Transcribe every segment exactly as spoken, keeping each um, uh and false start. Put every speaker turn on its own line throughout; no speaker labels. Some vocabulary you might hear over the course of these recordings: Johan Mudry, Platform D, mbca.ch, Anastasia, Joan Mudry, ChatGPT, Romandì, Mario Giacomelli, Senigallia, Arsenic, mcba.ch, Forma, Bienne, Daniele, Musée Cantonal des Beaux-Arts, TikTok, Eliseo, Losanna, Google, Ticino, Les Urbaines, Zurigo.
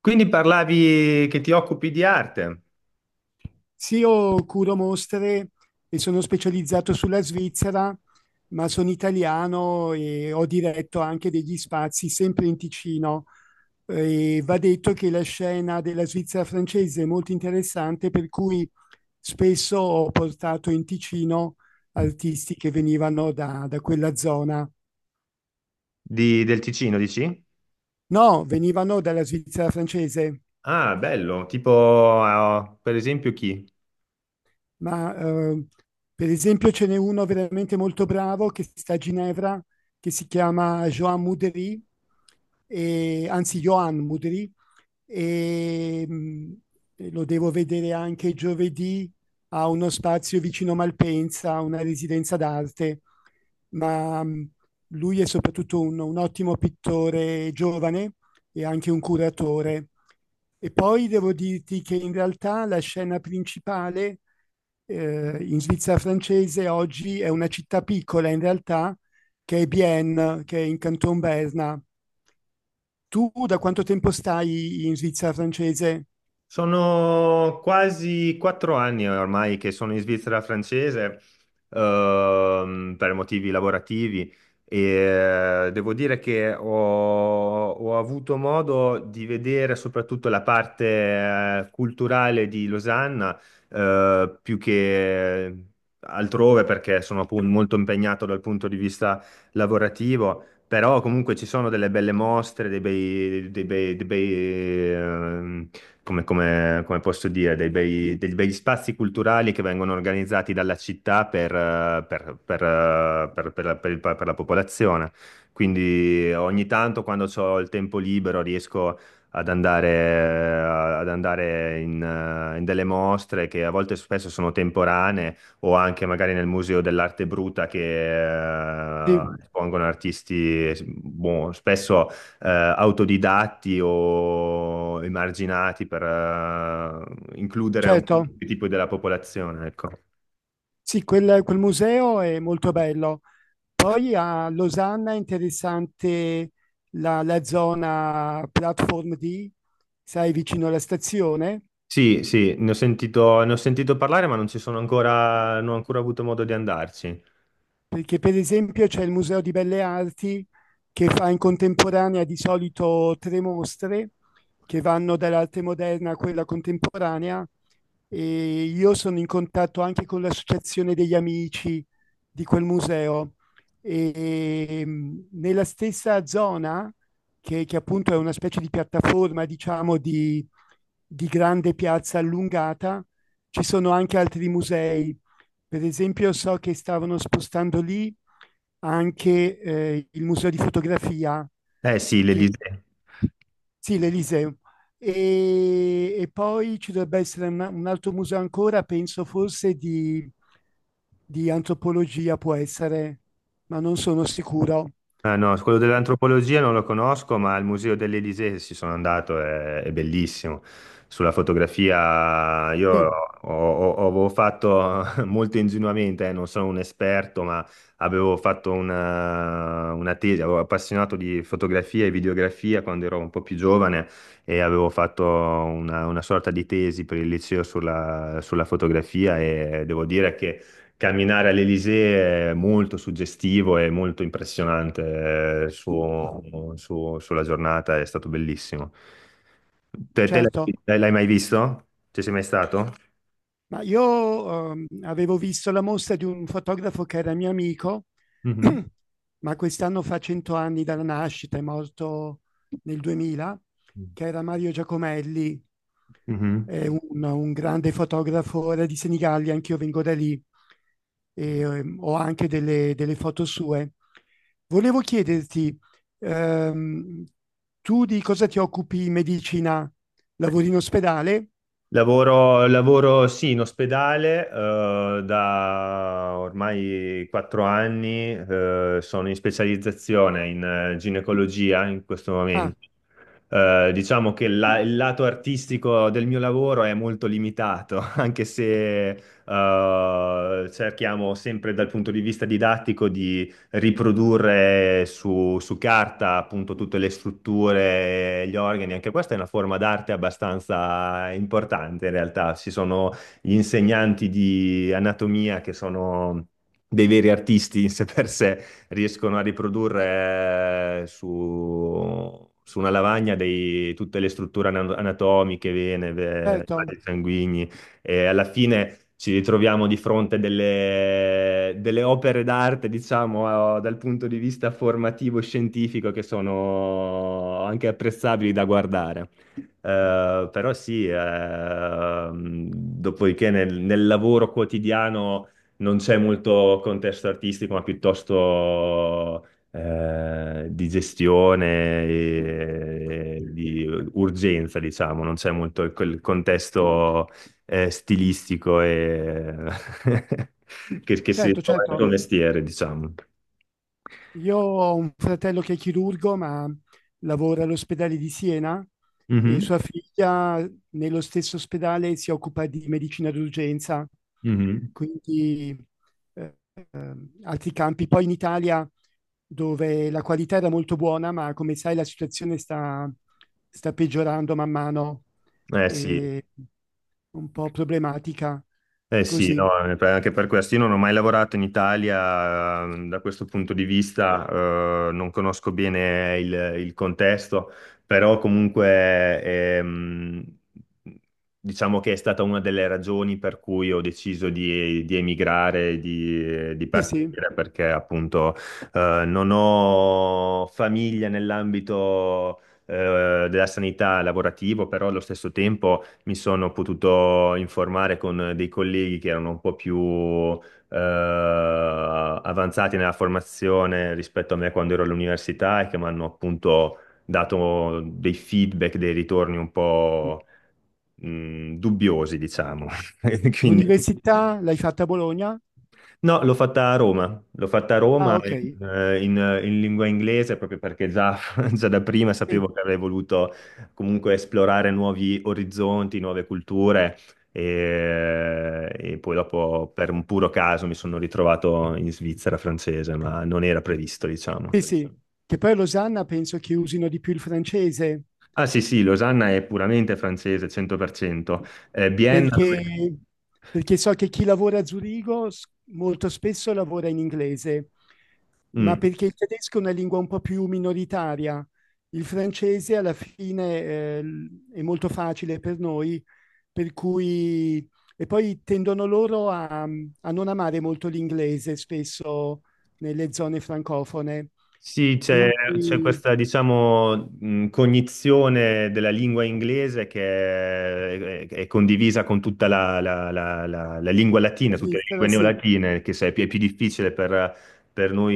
Quindi parlavi che ti occupi di arte,
Sì, io curo mostre e sono specializzato sulla Svizzera, ma sono italiano e ho diretto anche degli spazi sempre in Ticino. E va detto che la scena della Svizzera francese è molto interessante, per cui spesso ho portato in Ticino artisti che venivano da, da quella zona.
di- del Ticino, dici?
No, venivano dalla Svizzera francese.
Ah, bello, tipo, eh, per esempio chi?
Ma eh, per esempio ce n'è uno veramente molto bravo che sta a Ginevra, che si chiama Joan Mudry, e- anzi Johan Mudry, e mh, e lo devo vedere anche giovedì a uno spazio vicino Malpensa, a una residenza d'arte, ma mh, lui è soprattutto un, un ottimo pittore giovane e anche un curatore. E poi devo dirti che in realtà la scena principale eh, in Svizzera francese oggi è una città piccola, in realtà, che è Bienne, che è in Canton Berna. Tu da quanto tempo stai in Svizzera francese?
Sono quasi quattro anni ormai che sono in Svizzera francese, ehm, per motivi lavorativi e eh, devo dire che ho, ho avuto modo di vedere soprattutto la parte, eh, culturale di Losanna, eh, più che altrove perché sono appunto molto impegnato dal punto di vista lavorativo. Però comunque ci sono delle belle mostre, dei bei, dei bei, dei bei, ehm, come, come- come posso dire, dei bei- degli bei spazi culturali che vengono organizzati dalla città per, eh, per- per, eh, per- per la per il- per la popolazione. Quindi ogni tanto quando ho il tempo libero riesco ad andare, ad andare in, eh, in delle mostre che a volte spesso sono temporanee o anche magari nel Museo dell'Arte Bruta che
Sì,
eh, espongono artisti, boh, spesso eh, autodidatti o emarginati per eh, includere un
certo.
tipo della popolazione, ecco.
Sì, quel, quel museo è molto bello. Poi a Losanna è interessante la, la zona Platform D, sai, vicino alla stazione.
Sì, sì, ne ho sentito, ne ho sentito parlare, ma non ci sono ancora, non ho ancora avuto modo di andarci.
Perché per esempio c'è il Museo di Belle Arti che fa in contemporanea di solito tre mostre che vanno dall'arte moderna a quella contemporanea, e io sono in contatto anche con l'associazione degli amici di quel museo. E mh, nella stessa zona, che, che appunto è una specie di piattaforma, diciamo, di, di grande piazza allungata, ci sono anche altri musei. Per esempio, so che stavano spostando lì anche eh, il museo di fotografia,
Eh sì,
che,
l'Elysée.
sì, l'Eliseo. E, e poi ci dovrebbe essere una- un altro museo ancora, penso forse di, di antropologia, può essere, ma non sono sicuro.
Ah, no, quello dell'antropologia non lo conosco, ma al Museo dell'Elisée ci sono andato, è, è bellissimo. Sulla fotografia io ho,
Sì,
ho- ho- avevo fatto molto ingenuamente, eh, non sono un esperto, ma avevo fatto una, una tesi, avevo appassionato di fotografia e videografia quando ero un po' più giovane e avevo fatto una, una sorta di tesi per il liceo sulla, sulla fotografia e devo dire che... Camminare all'Elysée è molto suggestivo e molto impressionante eh, su- su- sulla giornata, è stato bellissimo. Te, te
certo.
l'hai l'hai mai visto? Ci sei mai stato?
Ma io ehm, avevo visto la mostra di un fotografo che era mio amico,
Mhm.
ma quest'anno fa cento anni dalla nascita, è morto nel duemila, che era Mario Giacomelli,
Mhm.
è un, un grande fotografo, era di Senigallia, anch'io vengo da lì. E ehm, ho anche delle, delle foto sue. Volevo chiederti, ehm, tu di cosa ti occupi in medicina? Lavori in ospedale?
Lavoro, lavoro, sì, in ospedale, eh, da ormai quattro anni, eh, sono in specializzazione in eh, ginecologia in questo
Ah,
momento. Eh, diciamo che la- il lato artistico del mio lavoro è molto limitato, anche se eh, cerchiamo sempre dal punto di vista didattico riprodurre su, su carta appunto tutte le strutture, gli organi, anche questa è una forma d'arte abbastanza importante in realtà. Ci sono gli insegnanti di anatomia che sono dei veri artisti in sé per sé, riescono a riprodurre eh, su, su una lavagna dei- tutte le strutture ana- anatomiche, vene, ve-
certo,
vasi sanguigni. E alla fine ci ritroviamo di fronte delle, delle opere d'arte, diciamo, eh, dal punto di vista formativo e scientifico che sono anche apprezzabili da guardare. Eh, però sì, ehm, dopodiché nel, nel lavoro quotidiano non c'è molto contesto artistico, ma piuttosto eh, di gestione, e- e di urgenza, diciamo, non c'è molto quel contesto eh, stilistico e che, che si
certo,
trova nel tuo
certo.
mestiere, diciamo.
Io ho un fratello che è chirurgo, ma lavora all'ospedale di Siena, e
Mhm,
sua figlia nello stesso ospedale si occupa di medicina d'urgenza,
mhm.
quindi eh, altri campi. Poi in Italia, dove la qualità era molto buona, ma come sai la situazione sta, sta peggiorando man mano,
Eh sì,
è un po' problematica.
eh sì,
Così,
no, eh, per- anche per questo. Io non ho mai lavorato in Italia, eh, da questo punto di vista, eh, non conosco bene il, il contesto, però comunque ehm, diciamo che è stata una delle ragioni per cui ho deciso di, di emigrare, di, di
sì, sì.
partire, perché appunto eh, non ho famiglia nell'ambito eh, della sanità lavorativo, però allo stesso tempo mi sono potuto informare con dei colleghi che erano un po' più eh, avanzati nella formazione rispetto a me quando ero all'università e che mi hanno appunto dato dei feedback, dei ritorni un po' mh, dubbiosi, diciamo. Quindi...
L'università l'hai fatta a Bologna?
No, l'ho fatta a Roma, l'ho fatta a Roma.
Ah,
Ok.
ok.
In, eh, in- eh, in lingua inglese proprio perché già, già da prima sapevo
Sì.
che avrei voluto comunque esplorare nuovi orizzonti, nuove culture e, e poi dopo per un puro caso mi sono ritrovato in Svizzera francese, ma non era previsto, diciamo.
Sì, sì, che poi a Losanna penso che usino di più il francese,
Ah sì, sì, Losanna è puramente francese, cento per cento. Eh, Vienna... dove-
perché, perché so che chi lavora a Zurigo s- molto spesso lavora in inglese, ma
Mm.
perché il tedesco è una lingua un po' più minoritaria. Il francese alla fine eh, l- è molto facile per noi, per cui... E poi tendono loro a, a non amare molto l'inglese, spesso nelle zone francofone.
Sì, c'è c'è
Quindi
questa, diciamo, mh, cognizione della lingua inglese che è, è- è condivisa con tutta la, la- la- la- la lingua
la
latina, tutte le lingue
Svizzera, sì,
neolatine, che se- è più, è più difficile per, per noi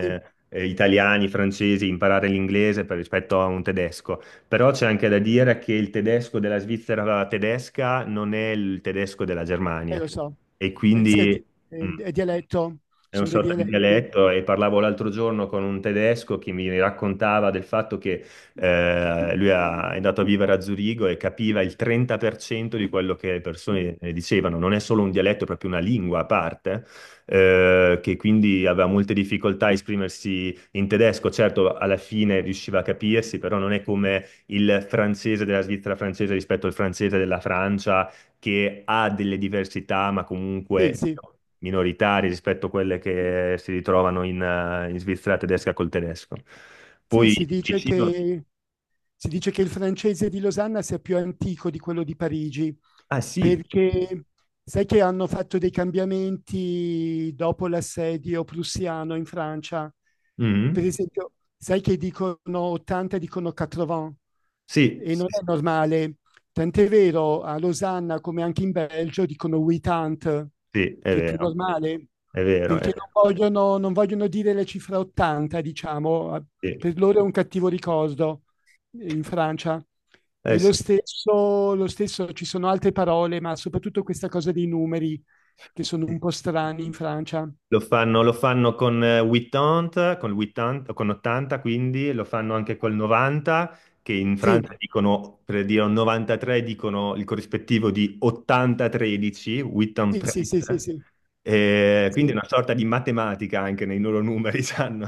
sì.
italiani, francesi, imparare l'inglese per- rispetto a un tedesco. Però c'è anche da dire che il tedesco della Svizzera tedesca non è il tedesco della
Eh,
Germania
lo so.
e
Eh, senti,
quindi... Mm.
eh, è è dialetto,
È una
sono dei
sorta di
dialetti.
dialetto e parlavo l'altro giorno con un tedesco che mi raccontava del fatto che eh, lui ha- è andato a vivere a Zurigo e capiva il trenta per cento di quello che le persone eh, dicevano. Non è solo un dialetto, è proprio una lingua a parte, eh, che quindi aveva molte difficoltà a esprimersi in tedesco. Certo, alla fine riusciva a capirsi, però non è come il francese della Svizzera francese rispetto al francese della Francia che ha delle diversità, ma
Sì,
comunque
sì.
minoritarie rispetto a quelle che si ritrovano in, eh, in Svizzera tedesca col tedesco.
Sì,
Poi
si dice
vicino...
che, si dice che il francese di Losanna sia più antico di quello di Parigi,
Ah sì,
perché sai che hanno fatto dei cambiamenti dopo l'assedio prussiano in Francia. Per
mhm.
esempio, sai che dicono ottanta, dicono ottanta,
Sì,
e
sì,
non è
sì,
normale. Tant'è vero, a Losanna, come anche in Belgio, dicono ottanta,
sì, è
che è più
vero,
normale,
è vero, è
perché
vero,
non vogliono, non vogliono dire la cifra ottanta, diciamo,
sì.
per loro è un cattivo ricordo eh, in Francia.
Eh,
E
sì.
lo stesso, lo stesso, ci sono altre parole, ma soprattutto questa cosa dei numeri che sono
Sì.
un po' strani in Francia.
Lo fanno, lo fanno con eh, ottanta, con l'ottanta, con ottanta quindi, lo fanno anche col novanta, che in Francia
Sì,
dicono, per dire un novantatré, dicono il corrispettivo di ottanta tredici,
sì, sì,
ottantatré.
sì, sì, sì.
Eh, quindi è
Sì,
una sorta di matematica anche nei loro numeri, sanno.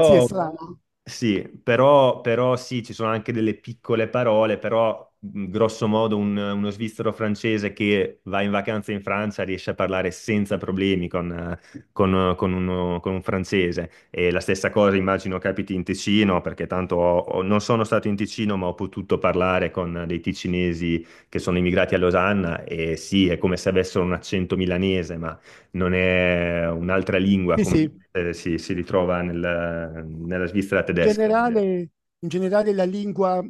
Sì, è strano.
sì, però, però sì, ci sono anche delle piccole parole, però mh, grosso modo un- uno svizzero francese che va in vacanza in Francia riesce a parlare senza problemi con, eh, con, con uno- con un francese. E la stessa cosa immagino capiti in Ticino, perché tanto ho- ho- non sono stato in Ticino, ma ho potuto parlare con dei ticinesi che sono immigrati a Losanna e sì, è come se avessero un accento milanese, ma non è un'altra lingua
Sì,
come
sì.
eh, si, si ritrova nel- nella Svizzera tedesca.
generale, In generale la lingua,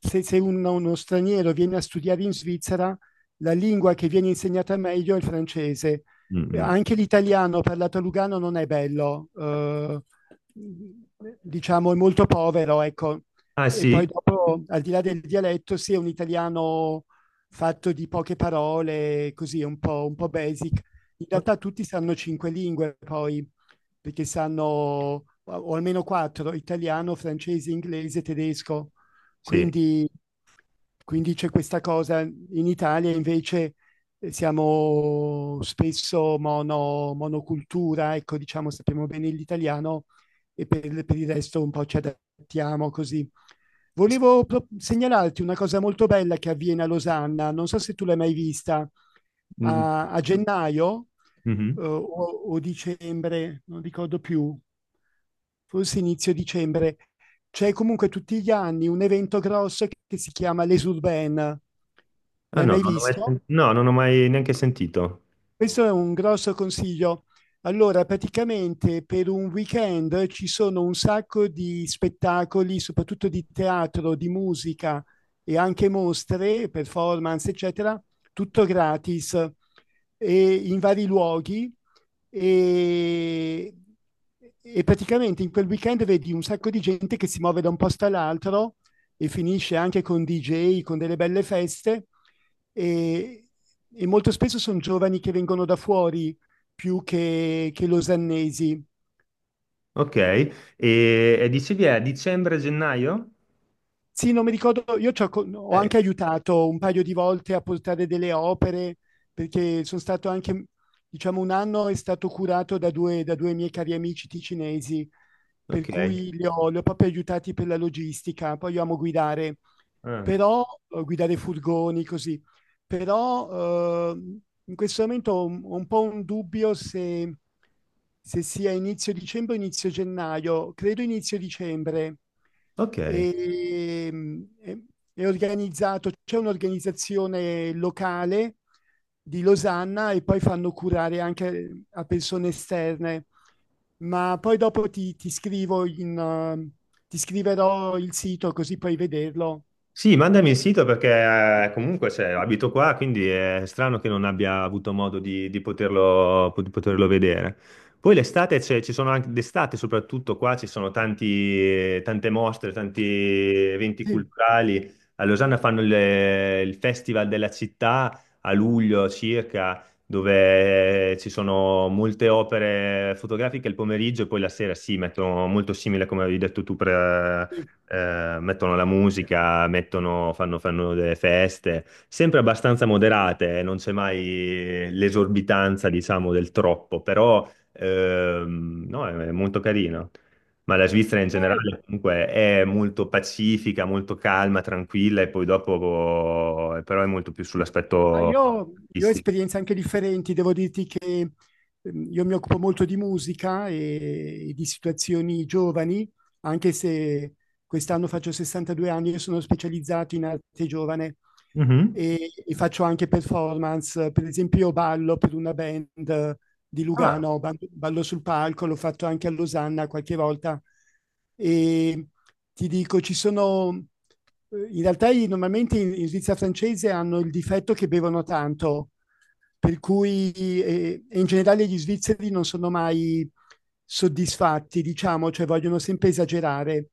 se, se uno, uno straniero viene a studiare in Svizzera, la lingua che viene insegnata meglio è il francese.
Mm,
Eh,
mm.
Anche l'italiano parlato a Lugano non è bello, eh, diciamo è molto povero, ecco.
Ah
E poi
sì?
dopo, al di là del dialetto, sì, è un italiano fatto di poche parole, così, un po', un po' basic. In
Ok,
realtà tutti sanno cinque lingue, poi, perché sanno, o almeno quattro: italiano, francese, inglese, tedesco.
sì.
Quindi, quindi c'è questa cosa. In Italia invece eh, siamo spesso mono, monocultura, ecco, diciamo, sappiamo bene l'italiano e per, per il resto un po' ci adattiamo così.
Sì.
Volevo pro- segnalarti una cosa molto bella che avviene a Losanna, non so se tu l'hai mai vista,
Mm,
a, a gennaio eh,
mhm.
o, o dicembre, non ricordo più, forse inizio dicembre, c'è comunque tutti gli anni un evento grosso che si chiama Les Urbaines.
Ah
L'hai
no,
mai
non ho mai
visto?
sen- no, non ho mai neanche sentito.
Questo è un grosso consiglio. Allora, praticamente per un weekend ci sono un sacco di spettacoli, soprattutto di teatro, di musica, e anche mostre, performance, eccetera, tutto gratis e in vari luoghi, e, e praticamente in quel weekend vedi un sacco di gente che si muove da un posto all'altro e finisce anche con D J, con delle belle feste, e, e molto spesso sono giovani che vengono da fuori più che, che losannesi.
Ok, e, e dicevi è dicembre-gennaio?
Sì, non mi ricordo, io ho
Eh,
anche aiutato un paio di volte a portare delle opere, perché sono stato anche, diciamo, un anno è stato curato da due, da due miei cari amici ticinesi, per
Ok.
cui li ho, li ho proprio aiutati per la logistica. Poi io amo guidare,
Ah,
però guidare furgoni così, però eh, in questo momento ho un, ho un po' un dubbio se, se sia inizio dicembre o inizio gennaio. Credo inizio dicembre.
ok.
E, mm, è è organizzato, c'è un'organizzazione locale di Losanna e poi fanno curare anche a persone esterne. Ma poi dopo ti, ti scrivo in, eh, ti scriverò il sito così puoi vederlo.
Sì, mandami il sito perché eh, comunque cioè, abito qua, quindi è strano che non abbia avuto modo di, di poterlo, di poterlo vedere. Poi l'estate, c'è- ci sono anche d'estate, soprattutto qua ci sono tanti, tante mostre, tanti eventi
Sì,
culturali. A Losanna fanno il, il Festival della città a luglio circa, dove ci sono molte opere fotografiche il pomeriggio e poi la sera, sì, mettono molto simile come avevi detto tu,
sì.
eh, mettono la musica, mettono- fanno, fanno delle feste, sempre abbastanza moderate, eh, non c'è mai l'esorbitanza, diciamo, del troppo, però ehm, no, è, è molto carino. Ma la Svizzera in
Eh,
generale comunque è molto pacifica, molto calma, tranquilla e poi dopo eh, però è molto più
Ah,
sull'aspetto
Io, io ho
artistico.
esperienze anche differenti, devo dirti che ehm, io mi occupo molto di musica e, e di situazioni giovani, anche se quest'anno faccio sessantadue anni e sono specializzato in arte giovane,
Mhm.
e, e faccio anche performance. Per esempio io ballo per una band di
Ah.
Lugano, Ballo Ballo sul palco, l'ho fatto anche a Losanna qualche volta, e ti dico, ci sono... eh, In realtà i- normalmente in, in Svizzera francese hanno il difetto che bevono tanto, per cui eh, e in generale gli svizzeri non sono mai soddisfatti, diciamo, cioè vogliono sempre esagerare.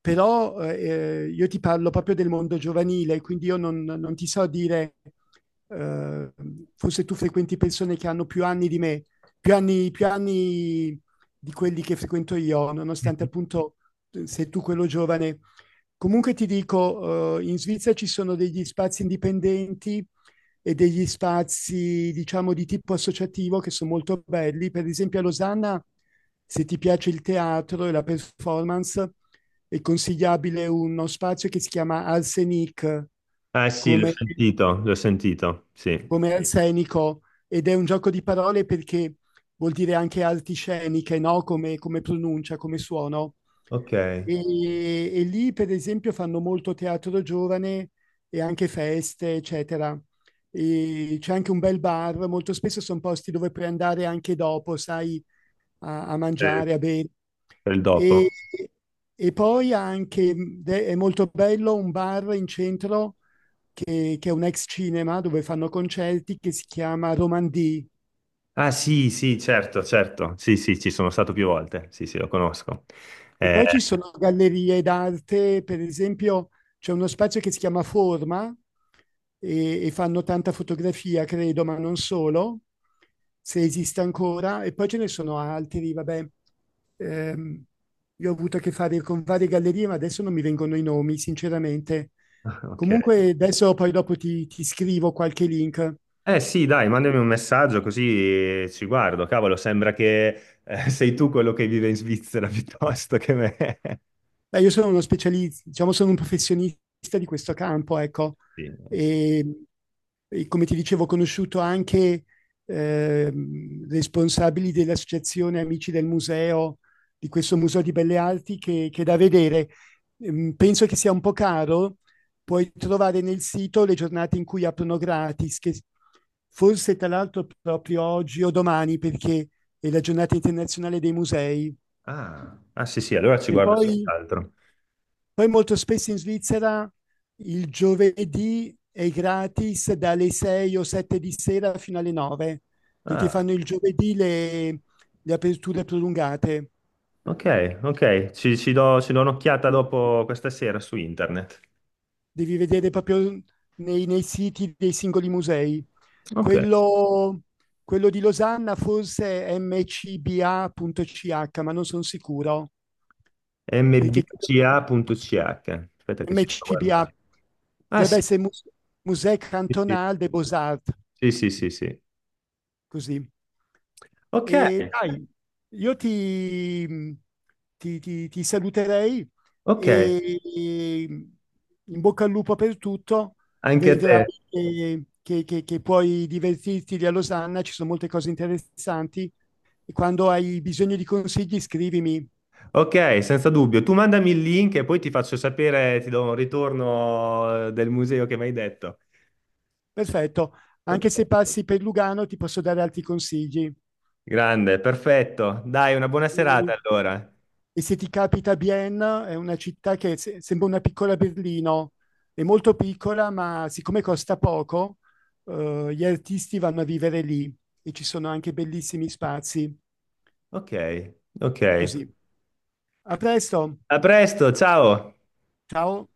Però eh, io ti parlo proprio del mondo giovanile, quindi io non, non ti so dire, eh, forse tu frequenti persone che hanno più anni di me, più anni, più anni di quelli che frequento io, nonostante
Mhm.
appunto eh, sei tu quello giovane. Comunque ti dico, eh, in Svizzera ci sono degli spazi indipendenti e degli spazi, diciamo, di tipo associativo che sono molto belli. Per esempio a Losanna, se ti piace il teatro e la performance, è consigliabile uno spazio che si chiama Arsenic,
Ah, sì, l'ho
come
sentito, l'ho sentito, sì.
come Sì, scenico, ed è un gioco di parole perché vuol dire anche arti sceniche, no? Come, come pronuncia, come suono.
Ok.
E, e lì, per esempio, fanno molto teatro giovane e anche feste, eccetera. E c'è anche un bel bar, molto spesso sono posti dove puoi andare anche dopo, sai, a, a
Per,
mangiare, a bere.
per il
E,
dopo.
e poi anche, mh, de- è molto bello, un bar in centro che, che è un ex cinema dove fanno concerti che si chiama Romandì.
Ah sì, sì, certo, certo. Sì, sì, ci sono stato più volte. Sì, sì, lo conosco.
E
Eh,
poi ci sono gallerie d'arte, per esempio c'è uno spazio che si chiama Forma e, e fanno tanta fotografia, credo, ma non solo, se esiste ancora. E poi ce ne sono altri, vabbè. Ehm, io ho avuto a che fare con varie gallerie, ma adesso non mi vengono i nomi, sinceramente.
ok.
Comunque adesso poi dopo ti, ti scrivo qualche link.
Eh sì, dai, mandami un messaggio così ci guardo. Cavolo, sembra che eh, sei tu quello che vive in Svizzera piuttosto che me.
Beh, io sono uno specialista, diciamo, sono un professionista di questo campo, ecco.
Sì, eh, sì.
E, e come ti dicevo, ho conosciuto anche ehm, responsabili dell'associazione Amici del Museo, di questo Museo di Belle Arti, che, che è da vedere. Ehm, penso che sia un po' caro. Puoi trovare nel sito le giornate in cui aprono gratis, che forse tra l'altro proprio oggi o domani, perché è la giornata internazionale dei musei.
Ah, ah, sì, sì, allora ci
E
guardo
poi
senz'altro.
poi molto spesso in Svizzera il giovedì è gratis dalle sei o sette di sera fino alle nove, perché
Ah,
fanno il giovedì le, le aperture prolungate.
ok, ok. Ci, ci do, ci do un'occhiata dopo questa sera su internet.
Devi vedere proprio nei, nei siti dei singoli musei.
Ok.
Quello, quello di Losanna forse è mcba.ch, ma non sono sicuro, perché credo
emme bi ci a punto ci acca. Aspetta
che
che ci sto guardando.
mcba
Ah
dovrebbe
sì.
essere Musée
Sì, sì.
Cantonal des Beaux-Arts.
Sì, sì, sì, sì.
Così.
Ok,
E dai, io ti, ti- ti- ti saluterei,
ok,
e in bocca al lupo per tutto.
anche a
Vedrai
te.
che, che- che- che puoi divertirti lì a Losanna, ci sono molte cose interessanti. E quando hai bisogno di consigli, scrivimi.
Ok, senza dubbio. Tu mandami il link e poi ti faccio sapere, ti do un ritorno eh, del museo che mi hai detto.
Perfetto.
Ok,
Anche se passi per Lugano, ti posso dare altri consigli.
grande, perfetto. Dai, una buona serata
Mm.
allora.
E se ti capita, Bienne è una città che se- sembra una piccola Berlino, è molto piccola, ma siccome costa poco, eh, gli artisti vanno a vivere lì e ci sono anche bellissimi spazi.
Ok, ok.
Così. A presto,
A presto, ciao.
ciao.